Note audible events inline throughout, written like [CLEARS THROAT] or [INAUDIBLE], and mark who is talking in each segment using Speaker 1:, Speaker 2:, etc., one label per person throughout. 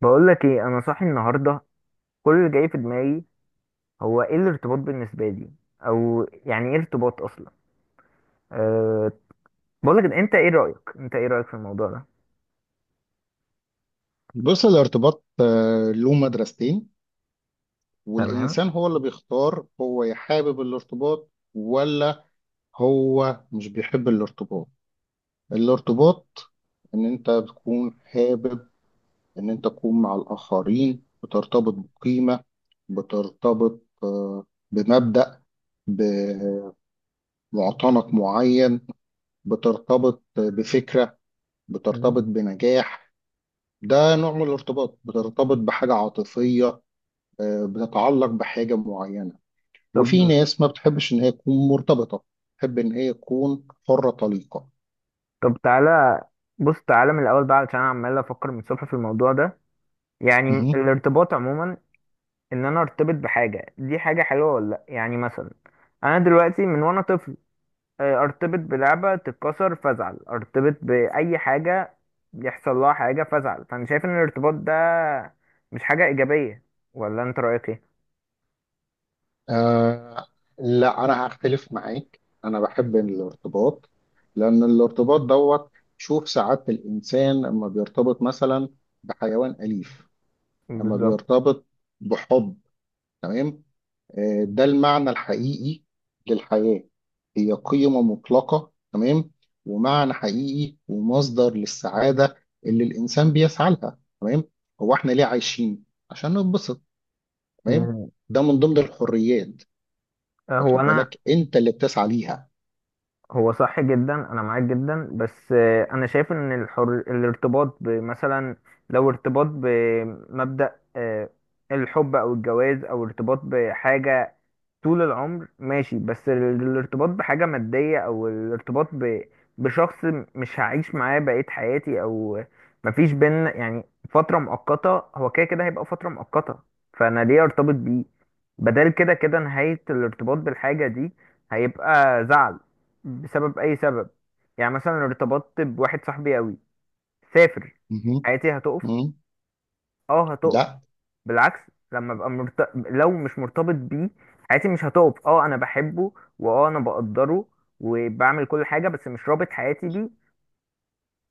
Speaker 1: بقول لك ايه، انا صاحي النهارده. كل اللي جاي في دماغي هو ايه الارتباط بالنسبه لي، او يعني ايه ارتباط اصلا. أه بقول لك انت ايه رايك في الموضوع ده؟
Speaker 2: بص الارتباط له مدرستين.
Speaker 1: تمام.
Speaker 2: والإنسان هو اللي بيختار هو حابب الارتباط ولا هو مش بيحب الارتباط. الارتباط إن أنت بتكون حابب إن أنت تكون مع الآخرين بترتبط بقيمة بترتبط بمبدأ بمعتنق معين بترتبط بفكرة
Speaker 1: مم.
Speaker 2: بترتبط بنجاح. ده نوع من الارتباط بترتبط بحاجة عاطفية، بتتعلق بحاجة معينة. وفي
Speaker 1: طب
Speaker 2: ناس ما بتحبش إن هي تكون مرتبطة، تحب إن هي تكون حرة طليقة.
Speaker 1: طب، تعالى بص تعالى من الاول بقى، علشان انا عمال افكر من الصبح في الموضوع ده. يعني
Speaker 2: مهم.
Speaker 1: الارتباط عموما، ان انا ارتبط بحاجه دي حاجه حلوه ولا لا. يعني مثلا انا دلوقتي من وانا طفل، ارتبط بلعبة تتكسر فازعل، ارتبط بأي حاجة يحصل لها حاجة فازعل، فأنا شايف إن الارتباط ده مش حاجة إيجابية. ولا أنت رأيك إيه؟
Speaker 2: آه لا، أنا هختلف معاك، أنا بحب الارتباط. لأن الارتباط دوت، شوف سعادة الإنسان أما بيرتبط مثلا بحيوان أليف، أما
Speaker 1: بالظبط.
Speaker 2: بيرتبط بحب. تمام، ده المعنى الحقيقي للحياة، هي قيمة مطلقة. تمام، ومعنى حقيقي ومصدر للسعادة اللي الإنسان بيسعى لها. تمام، هو إحنا ليه عايشين؟ عشان نتبسط. تمام،
Speaker 1: مم.
Speaker 2: ده من ضمن الحريات،
Speaker 1: هو
Speaker 2: واخد
Speaker 1: انا
Speaker 2: بالك أنت اللي بتسعى ليها.
Speaker 1: هو صح جدا، انا معاك جدا، بس انا شايف ان الارتباط بمثلا، لو ارتباط بمبدأ الحب او الجواز او ارتباط بحاجة طول العمر ماشي، بس الارتباط بحاجة مادية او الارتباط بشخص مش هعيش معاه بقية حياتي، او مفيش بينا يعني فترة مؤقتة، هو كده كده هيبقى فترة مؤقتة، فانا ليه ارتبط بيه؟ بدل كده كده نهاية الارتباط بالحاجة دي هيبقى زعل بسبب اي سبب. يعني مثلا ارتبطت بواحد صاحبي قوي، سافر،
Speaker 2: مهم.
Speaker 1: حياتي هتقف.
Speaker 2: مهم.
Speaker 1: اه هتقف.
Speaker 2: لا.
Speaker 1: بالعكس، لما ابقى لو مش مرتبط بيه حياتي مش هتقف، اه انا بحبه واه انا بقدره وبعمل كل حاجه، بس مش رابط حياتي بيه.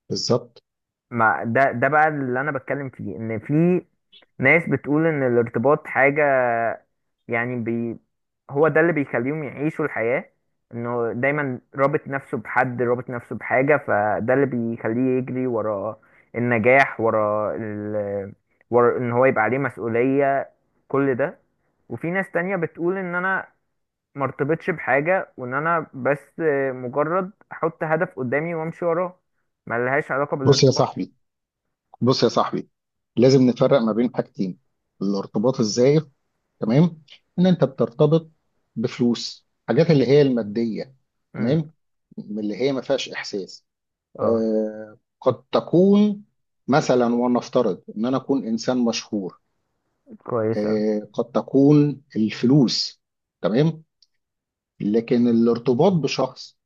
Speaker 2: بالظبط.
Speaker 1: ما ده بقى اللي انا بتكلم فيه، ان في ناس بتقول ان الارتباط حاجه، يعني هو ده اللي بيخليهم يعيشوا الحياة، انه دايما رابط نفسه بحد، رابط نفسه بحاجة، فده اللي بيخليه يجري ورا النجاح، ورا ورا ان هو يبقى عليه مسؤولية، كل ده. وفي ناس تانية بتقول ان انا مرتبطش بحاجة، وان انا بس مجرد احط هدف قدامي وامشي وراه، ملهاش علاقة
Speaker 2: بص يا
Speaker 1: بالارتباط.
Speaker 2: صاحبي، بص يا صاحبي، لازم نفرق ما بين حاجتين. الارتباط الزائف، تمام، ان انت بترتبط بفلوس حاجات اللي هي الماديه.
Speaker 1: امم.
Speaker 2: تمام، من اللي هي ما فيهاش احساس.
Speaker 1: اه.
Speaker 2: قد تكون مثلا، ونفترض ان انا اكون انسان مشهور،
Speaker 1: كويس اوي.
Speaker 2: قد تكون الفلوس. تمام، لكن الارتباط بشخص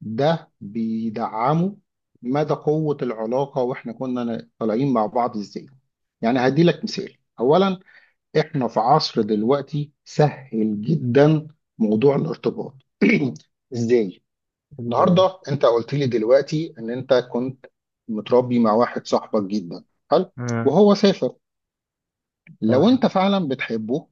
Speaker 2: ده بيدعمه مدى قوة العلاقة واحنا كنا طالعين مع بعض ازاي. يعني هديلك مثال اولا، احنا في عصر دلوقتي سهل جدا موضوع الارتباط [CLEARS THROAT] ازاي.
Speaker 1: بالظبط.
Speaker 2: النهارده انت قلت لي دلوقتي ان انت كنت متربي مع واحد صاحبك جدا حلو،
Speaker 1: امم.
Speaker 2: وهو سافر. لو
Speaker 1: تمام.
Speaker 2: انت فعلا بتحبه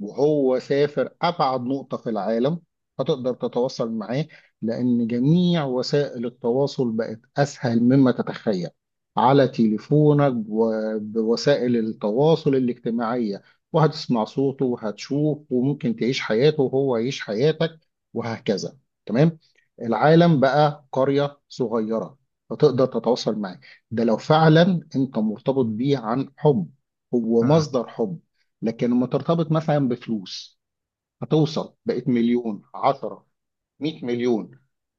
Speaker 2: وهو سافر أبعد نقطة في العالم، هتقدر تتواصل معاه. لأن جميع وسائل التواصل بقت أسهل مما تتخيل، على تليفونك وبوسائل التواصل الاجتماعية، وهتسمع صوته وهتشوف وممكن تعيش حياته وهو يعيش حياتك وهكذا. تمام، العالم بقى قرية صغيرة، فتقدر تتواصل معاه. ده لو فعلا انت مرتبط بيه عن حب، هو
Speaker 1: امم.
Speaker 2: مصدر حب. لكن لما ترتبط مثلا بفلوس، هتوصل بقت مليون، عشرة، مئة مليون،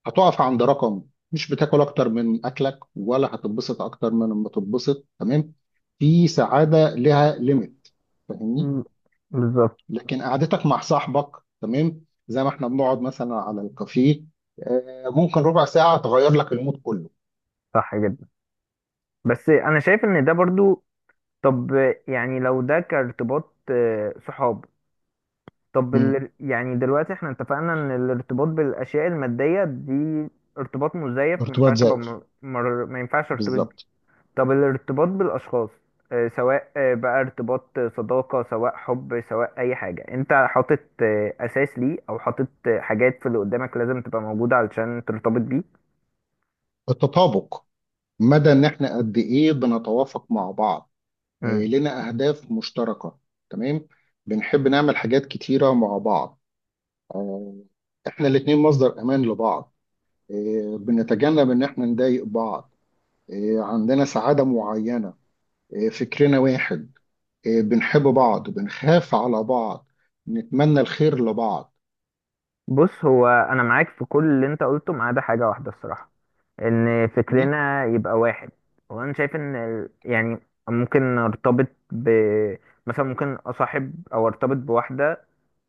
Speaker 2: هتقف عند رقم. مش بتاكل اكتر من اكلك ولا هتتبسط اكتر من ما تتبسط. تمام، في سعادة لها ليميت. فاهمني؟
Speaker 1: مم. بالظبط.
Speaker 2: لكن قعدتك مع صاحبك، تمام، زي ما احنا بنقعد مثلا على الكافيه، ممكن ربع ساعة تغير لك المود كله.
Speaker 1: صح جدا. بس انا شايف ان ده برضو، طب، يعني لو ده كارتباط صحاب، طب
Speaker 2: مم.
Speaker 1: يعني دلوقتي احنا اتفقنا ان الارتباط بالاشياء المادية دي ارتباط مزيف، ما
Speaker 2: ارتباط
Speaker 1: ينفعش ابقى
Speaker 2: زائف،
Speaker 1: ما ينفعش ارتبط بيه.
Speaker 2: بالظبط.
Speaker 1: طب الارتباط بالاشخاص سواء بقى ارتباط صداقة، سواء حب، سواء اي حاجة، انت حاطط اساس ليه، او حاطط حاجات في اللي قدامك لازم تبقى موجودة علشان ترتبط بيه.
Speaker 2: التطابق، مدى ان احنا قد ايه بنتوافق مع بعض.
Speaker 1: مم.
Speaker 2: لنا أهداف مشتركة. تمام، بنحب نعمل حاجات كتيرة مع بعض. آه، إحنا الاتنين مصدر أمان لبعض. بنتجنب إن إحنا نضايق بعض. عندنا سعادة معينة. فكرنا واحد. بنحب بعض، بنخاف على بعض، نتمنى الخير لبعض.
Speaker 1: بص، هو انا معاك في كل اللي انت قلته ما عدا حاجه واحده الصراحه، ان
Speaker 2: مم؟
Speaker 1: فكرنا يبقى واحد. وانا شايف ان يعني ممكن ارتبط ب، مثلا ممكن اصاحب او ارتبط بواحده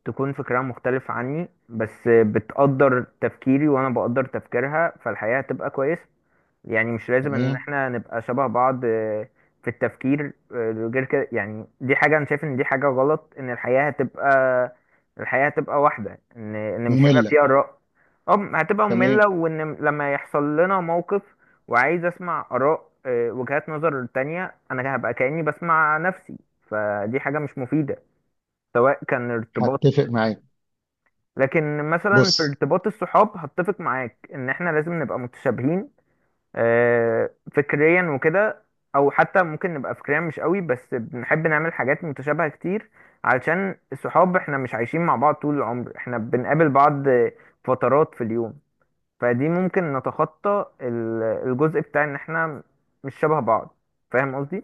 Speaker 1: تكون فكرها مختلف عني، بس بتقدر تفكيري وانا بقدر تفكيرها، فالحياه هتبقى كويسه. يعني مش لازم ان
Speaker 2: تمام.
Speaker 1: احنا نبقى شبه بعض في التفكير غير كده. يعني دي حاجة انا شايف ان دي حاجة غلط، ان الحياة هتبقى، الحياة هتبقى واحدة، ان مش هيبقى
Speaker 2: مملة.
Speaker 1: فيها آراء. اه هتبقى
Speaker 2: تمام.
Speaker 1: مملة، وان لما يحصل لنا موقف وعايز اسمع آراء وجهات نظر تانية، انا هبقى كأني بسمع نفسي، فدي حاجة مش مفيدة. سواء كان ارتباط،
Speaker 2: هتفق معاك.
Speaker 1: لكن مثلا في
Speaker 2: بص.
Speaker 1: ارتباط الصحاب هتفق معاك ان احنا لازم نبقى متشابهين فكريا وكده. او حتى ممكن نبقى فكريا مش قوي، بس بنحب نعمل حاجات متشابهة كتير، علشان الصحاب احنا مش عايشين مع بعض طول العمر، احنا بنقابل بعض فترات في اليوم، فدي ممكن نتخطى الجزء بتاع ان احنا مش شبه بعض. فاهم قصدي؟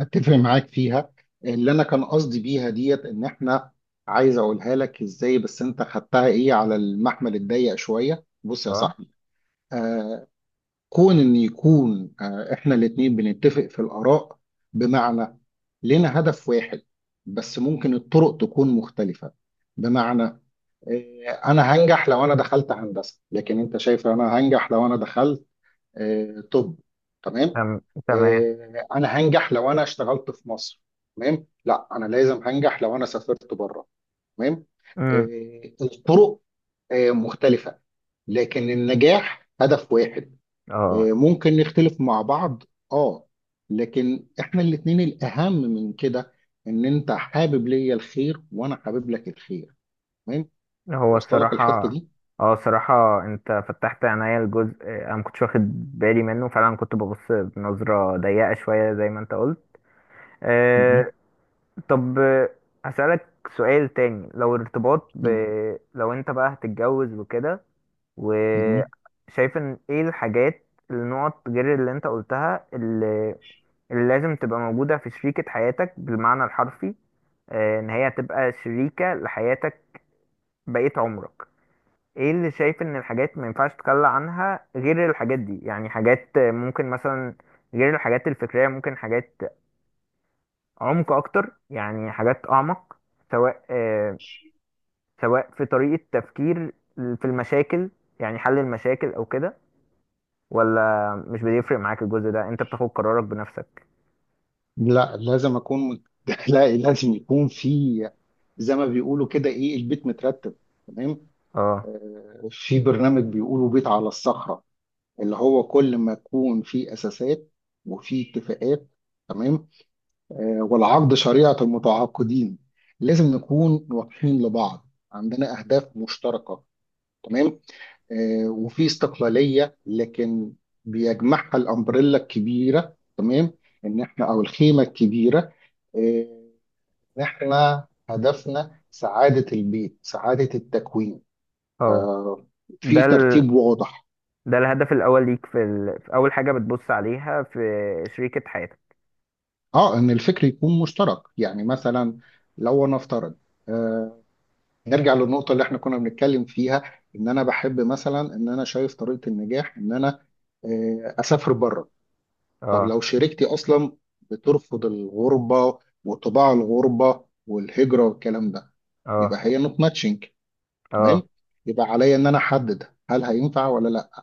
Speaker 2: اتفق معاك فيها. اللي انا كان قصدي بيها ديت ان احنا، عايز اقولها لك ازاي، بس انت خدتها ايه على المحمل الضيق شويه. بص يا
Speaker 1: اه.
Speaker 2: صاحبي، آه كون ان يكون احنا الاتنين بنتفق في الاراء، بمعنى لنا هدف واحد، بس ممكن الطرق تكون مختلفه. بمعنى، انا هنجح لو انا دخلت هندسه، لكن انت شايف انا هنجح لو انا دخلت، طب. تمام،
Speaker 1: تم- تمام.
Speaker 2: انا هنجح لو انا اشتغلت في مصر. تمام، لا انا لازم هنجح لو انا سافرت بره. تمام،
Speaker 1: امم.
Speaker 2: الطرق مختلفة، لكن النجاح هدف واحد.
Speaker 1: اه.
Speaker 2: ممكن نختلف مع بعض. اه. لكن احنا الاتنين الاهم من كده ان انت حابب ليا الخير وانا حابب لك الخير. تمام،
Speaker 1: هو
Speaker 2: واصله لك الحتة
Speaker 1: الصراحة،
Speaker 2: دي.
Speaker 1: اه الصراحة انت فتحت عينيا، الجزء انا ما كنتش واخد بالي منه فعلا، كنت ببص بنظرة ضيقة شوية زي ما انت قلت.
Speaker 2: مهم.
Speaker 1: آه. طب، هسألك سؤال تاني. لو انت بقى هتتجوز وكده،
Speaker 2: مهم.
Speaker 1: وشايف ان ايه الحاجات النقط غير اللي انت قلتها، اللي لازم تبقى موجودة في شريكة حياتك بالمعنى الحرفي، آه ان هي هتبقى شريكة لحياتك بقية عمرك. ايه اللي شايف ان الحاجات ما ينفعش تتخلى عنها غير الحاجات دي؟ يعني حاجات ممكن مثلا غير الحاجات الفكرية، ممكن حاجات عمق اكتر، يعني حاجات اعمق، سواء سواء في طريقة تفكير في المشاكل، يعني حل المشاكل او كده، ولا مش بيفرق معاك الجزء ده، انت بتاخد قرارك بنفسك؟
Speaker 2: لا، لازم اكون [LAUGHS] لا، لازم يكون في، زي ما بيقولوا كده، ايه، البيت مترتب. تمام،
Speaker 1: اه.
Speaker 2: في برنامج بيقولوا بيت على الصخرة، اللي هو كل ما يكون في اساسات وفي اتفاقات. تمام، والعقد شريعة المتعاقدين، لازم نكون واضحين لبعض، عندنا اهداف مشتركة. تمام، وفي استقلالية، لكن بيجمعها الامبريلا الكبيرة. تمام، ان احنا، او الخيمة الكبيرة، آه، إن إحنا هدفنا سعادة البيت، سعادة التكوين،
Speaker 1: اه. ده
Speaker 2: في ترتيب واضح.
Speaker 1: ده الهدف الاول ليك في, في اول حاجة بتبص عليها في شريكة حياتك؟
Speaker 2: إن الفكر يكون مشترك. يعني مثلا، لو نفترض، آه نرجع للنقطة اللي إحنا كنا بنتكلم فيها، إن أنا بحب مثلا، إن أنا شايف طريقة النجاح إن أنا أسافر بره. طب
Speaker 1: اه.
Speaker 2: لو شريكتي أصلا بترفض الغربة، وطباع الغربة والهجرة والكلام ده، يبقى
Speaker 1: اه.
Speaker 2: هي نوت ماتشنج. تمام،
Speaker 1: اه.
Speaker 2: يبقى عليا ان انا احدد هل هينفع ولا لا.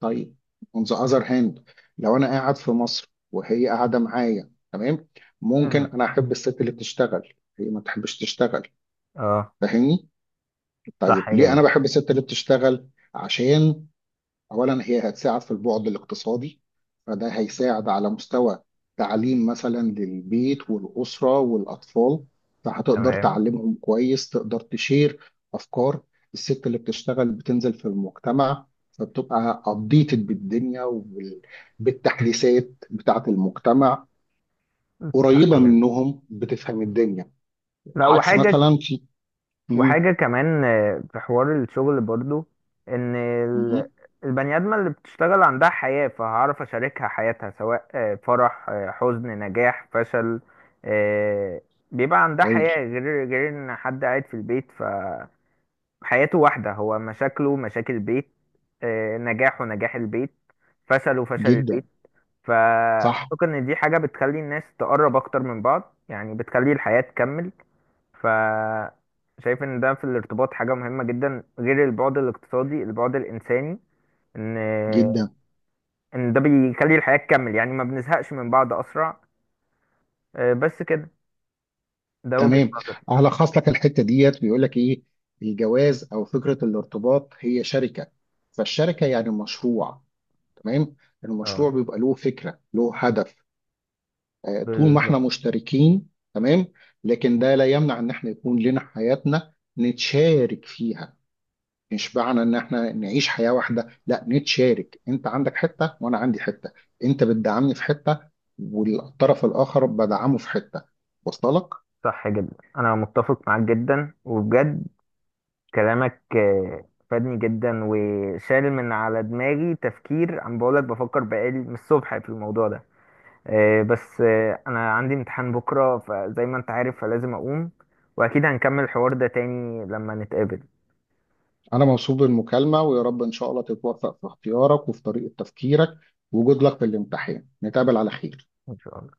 Speaker 2: طيب، on the other hand، لو انا قاعد في مصر وهي قاعده معايا، تمام، ممكن
Speaker 1: أمم،
Speaker 2: انا احب الست اللي بتشتغل، هي ما تحبش تشتغل،
Speaker 1: اه.
Speaker 2: فاهمني؟
Speaker 1: صح
Speaker 2: طيب ليه
Speaker 1: جدا.
Speaker 2: انا بحب الست اللي بتشتغل؟ عشان أولا هي هتساعد في البعد الاقتصادي، فده هيساعد على مستوى تعليم مثلا للبيت والأسرة والأطفال، فهتقدر
Speaker 1: تمام.
Speaker 2: تعلمهم كويس، تقدر تشير أفكار. الست اللي بتشتغل بتنزل في المجتمع، فبتبقى أبديتد بالدنيا وبالتحديثات بتاعة المجتمع،
Speaker 1: صح
Speaker 2: قريبة
Speaker 1: جدا.
Speaker 2: منهم، بتفهم الدنيا،
Speaker 1: لا
Speaker 2: عكس
Speaker 1: وحاجة،
Speaker 2: مثلا في، مم.
Speaker 1: وحاجة كمان في حوار الشغل برضو، ان
Speaker 2: مم.
Speaker 1: البني آدمة اللي بتشتغل عندها حياة، فهعرف اشاركها حياتها، سواء فرح حزن، نجاح، فشل، آه، بيبقى عندها
Speaker 2: هايل.
Speaker 1: حياة، غير ان حد قاعد في البيت فحياته واحدة، هو مشاكله مشاكل البيت، نجاحه نجاح البيت، فشله فشل
Speaker 2: جدا.
Speaker 1: البيت.
Speaker 2: صح
Speaker 1: فأعتقد ان دي حاجة بتخلي الناس تقرب اكتر من بعض، يعني بتخلي الحياة تكمل. ف شايف ان ده في الارتباط حاجة مهمة جدا، غير البعد الاقتصادي، البعد الانساني، ان
Speaker 2: جدا.
Speaker 1: ان ده بيخلي الحياة تكمل، يعني ما بنزهقش من بعض اسرع. بس كده. ده وجهة
Speaker 2: تمام،
Speaker 1: نظري.
Speaker 2: هلخص لك الحته ديت بيقول لك ايه. الجواز او فكره الارتباط هي شركه، فالشركه يعني مشروع. تمام،
Speaker 1: اه.
Speaker 2: المشروع بيبقى له فكره له هدف. طول ما احنا
Speaker 1: بالظبط.
Speaker 2: مشتركين. تمام، لكن ده لا يمنع ان احنا يكون لنا حياتنا نتشارك فيها. مش معنى ان احنا نعيش حياه واحده، لا نتشارك، انت عندك حته وانا عندي حته، انت بتدعمني في حته والطرف الاخر بدعمه في حته. وصلت لك؟
Speaker 1: صح جدا. انا متفق معاك جدا وبجد، كلامك فادني جدا، وشال من على دماغي تفكير، عم بقولك بفكر بقالي من الصبح في الموضوع ده. بس انا عندي امتحان بكره، فزي ما انت عارف، فلازم اقوم، واكيد هنكمل الحوار ده تاني لما نتقابل.
Speaker 2: أنا مبسوط بالمكالمة، ويا رب إن شاء الله تتوفق في اختيارك وفي طريقة تفكيرك، وجود لك في الامتحان، نتقابل على خير.
Speaker 1: ان شاء الله.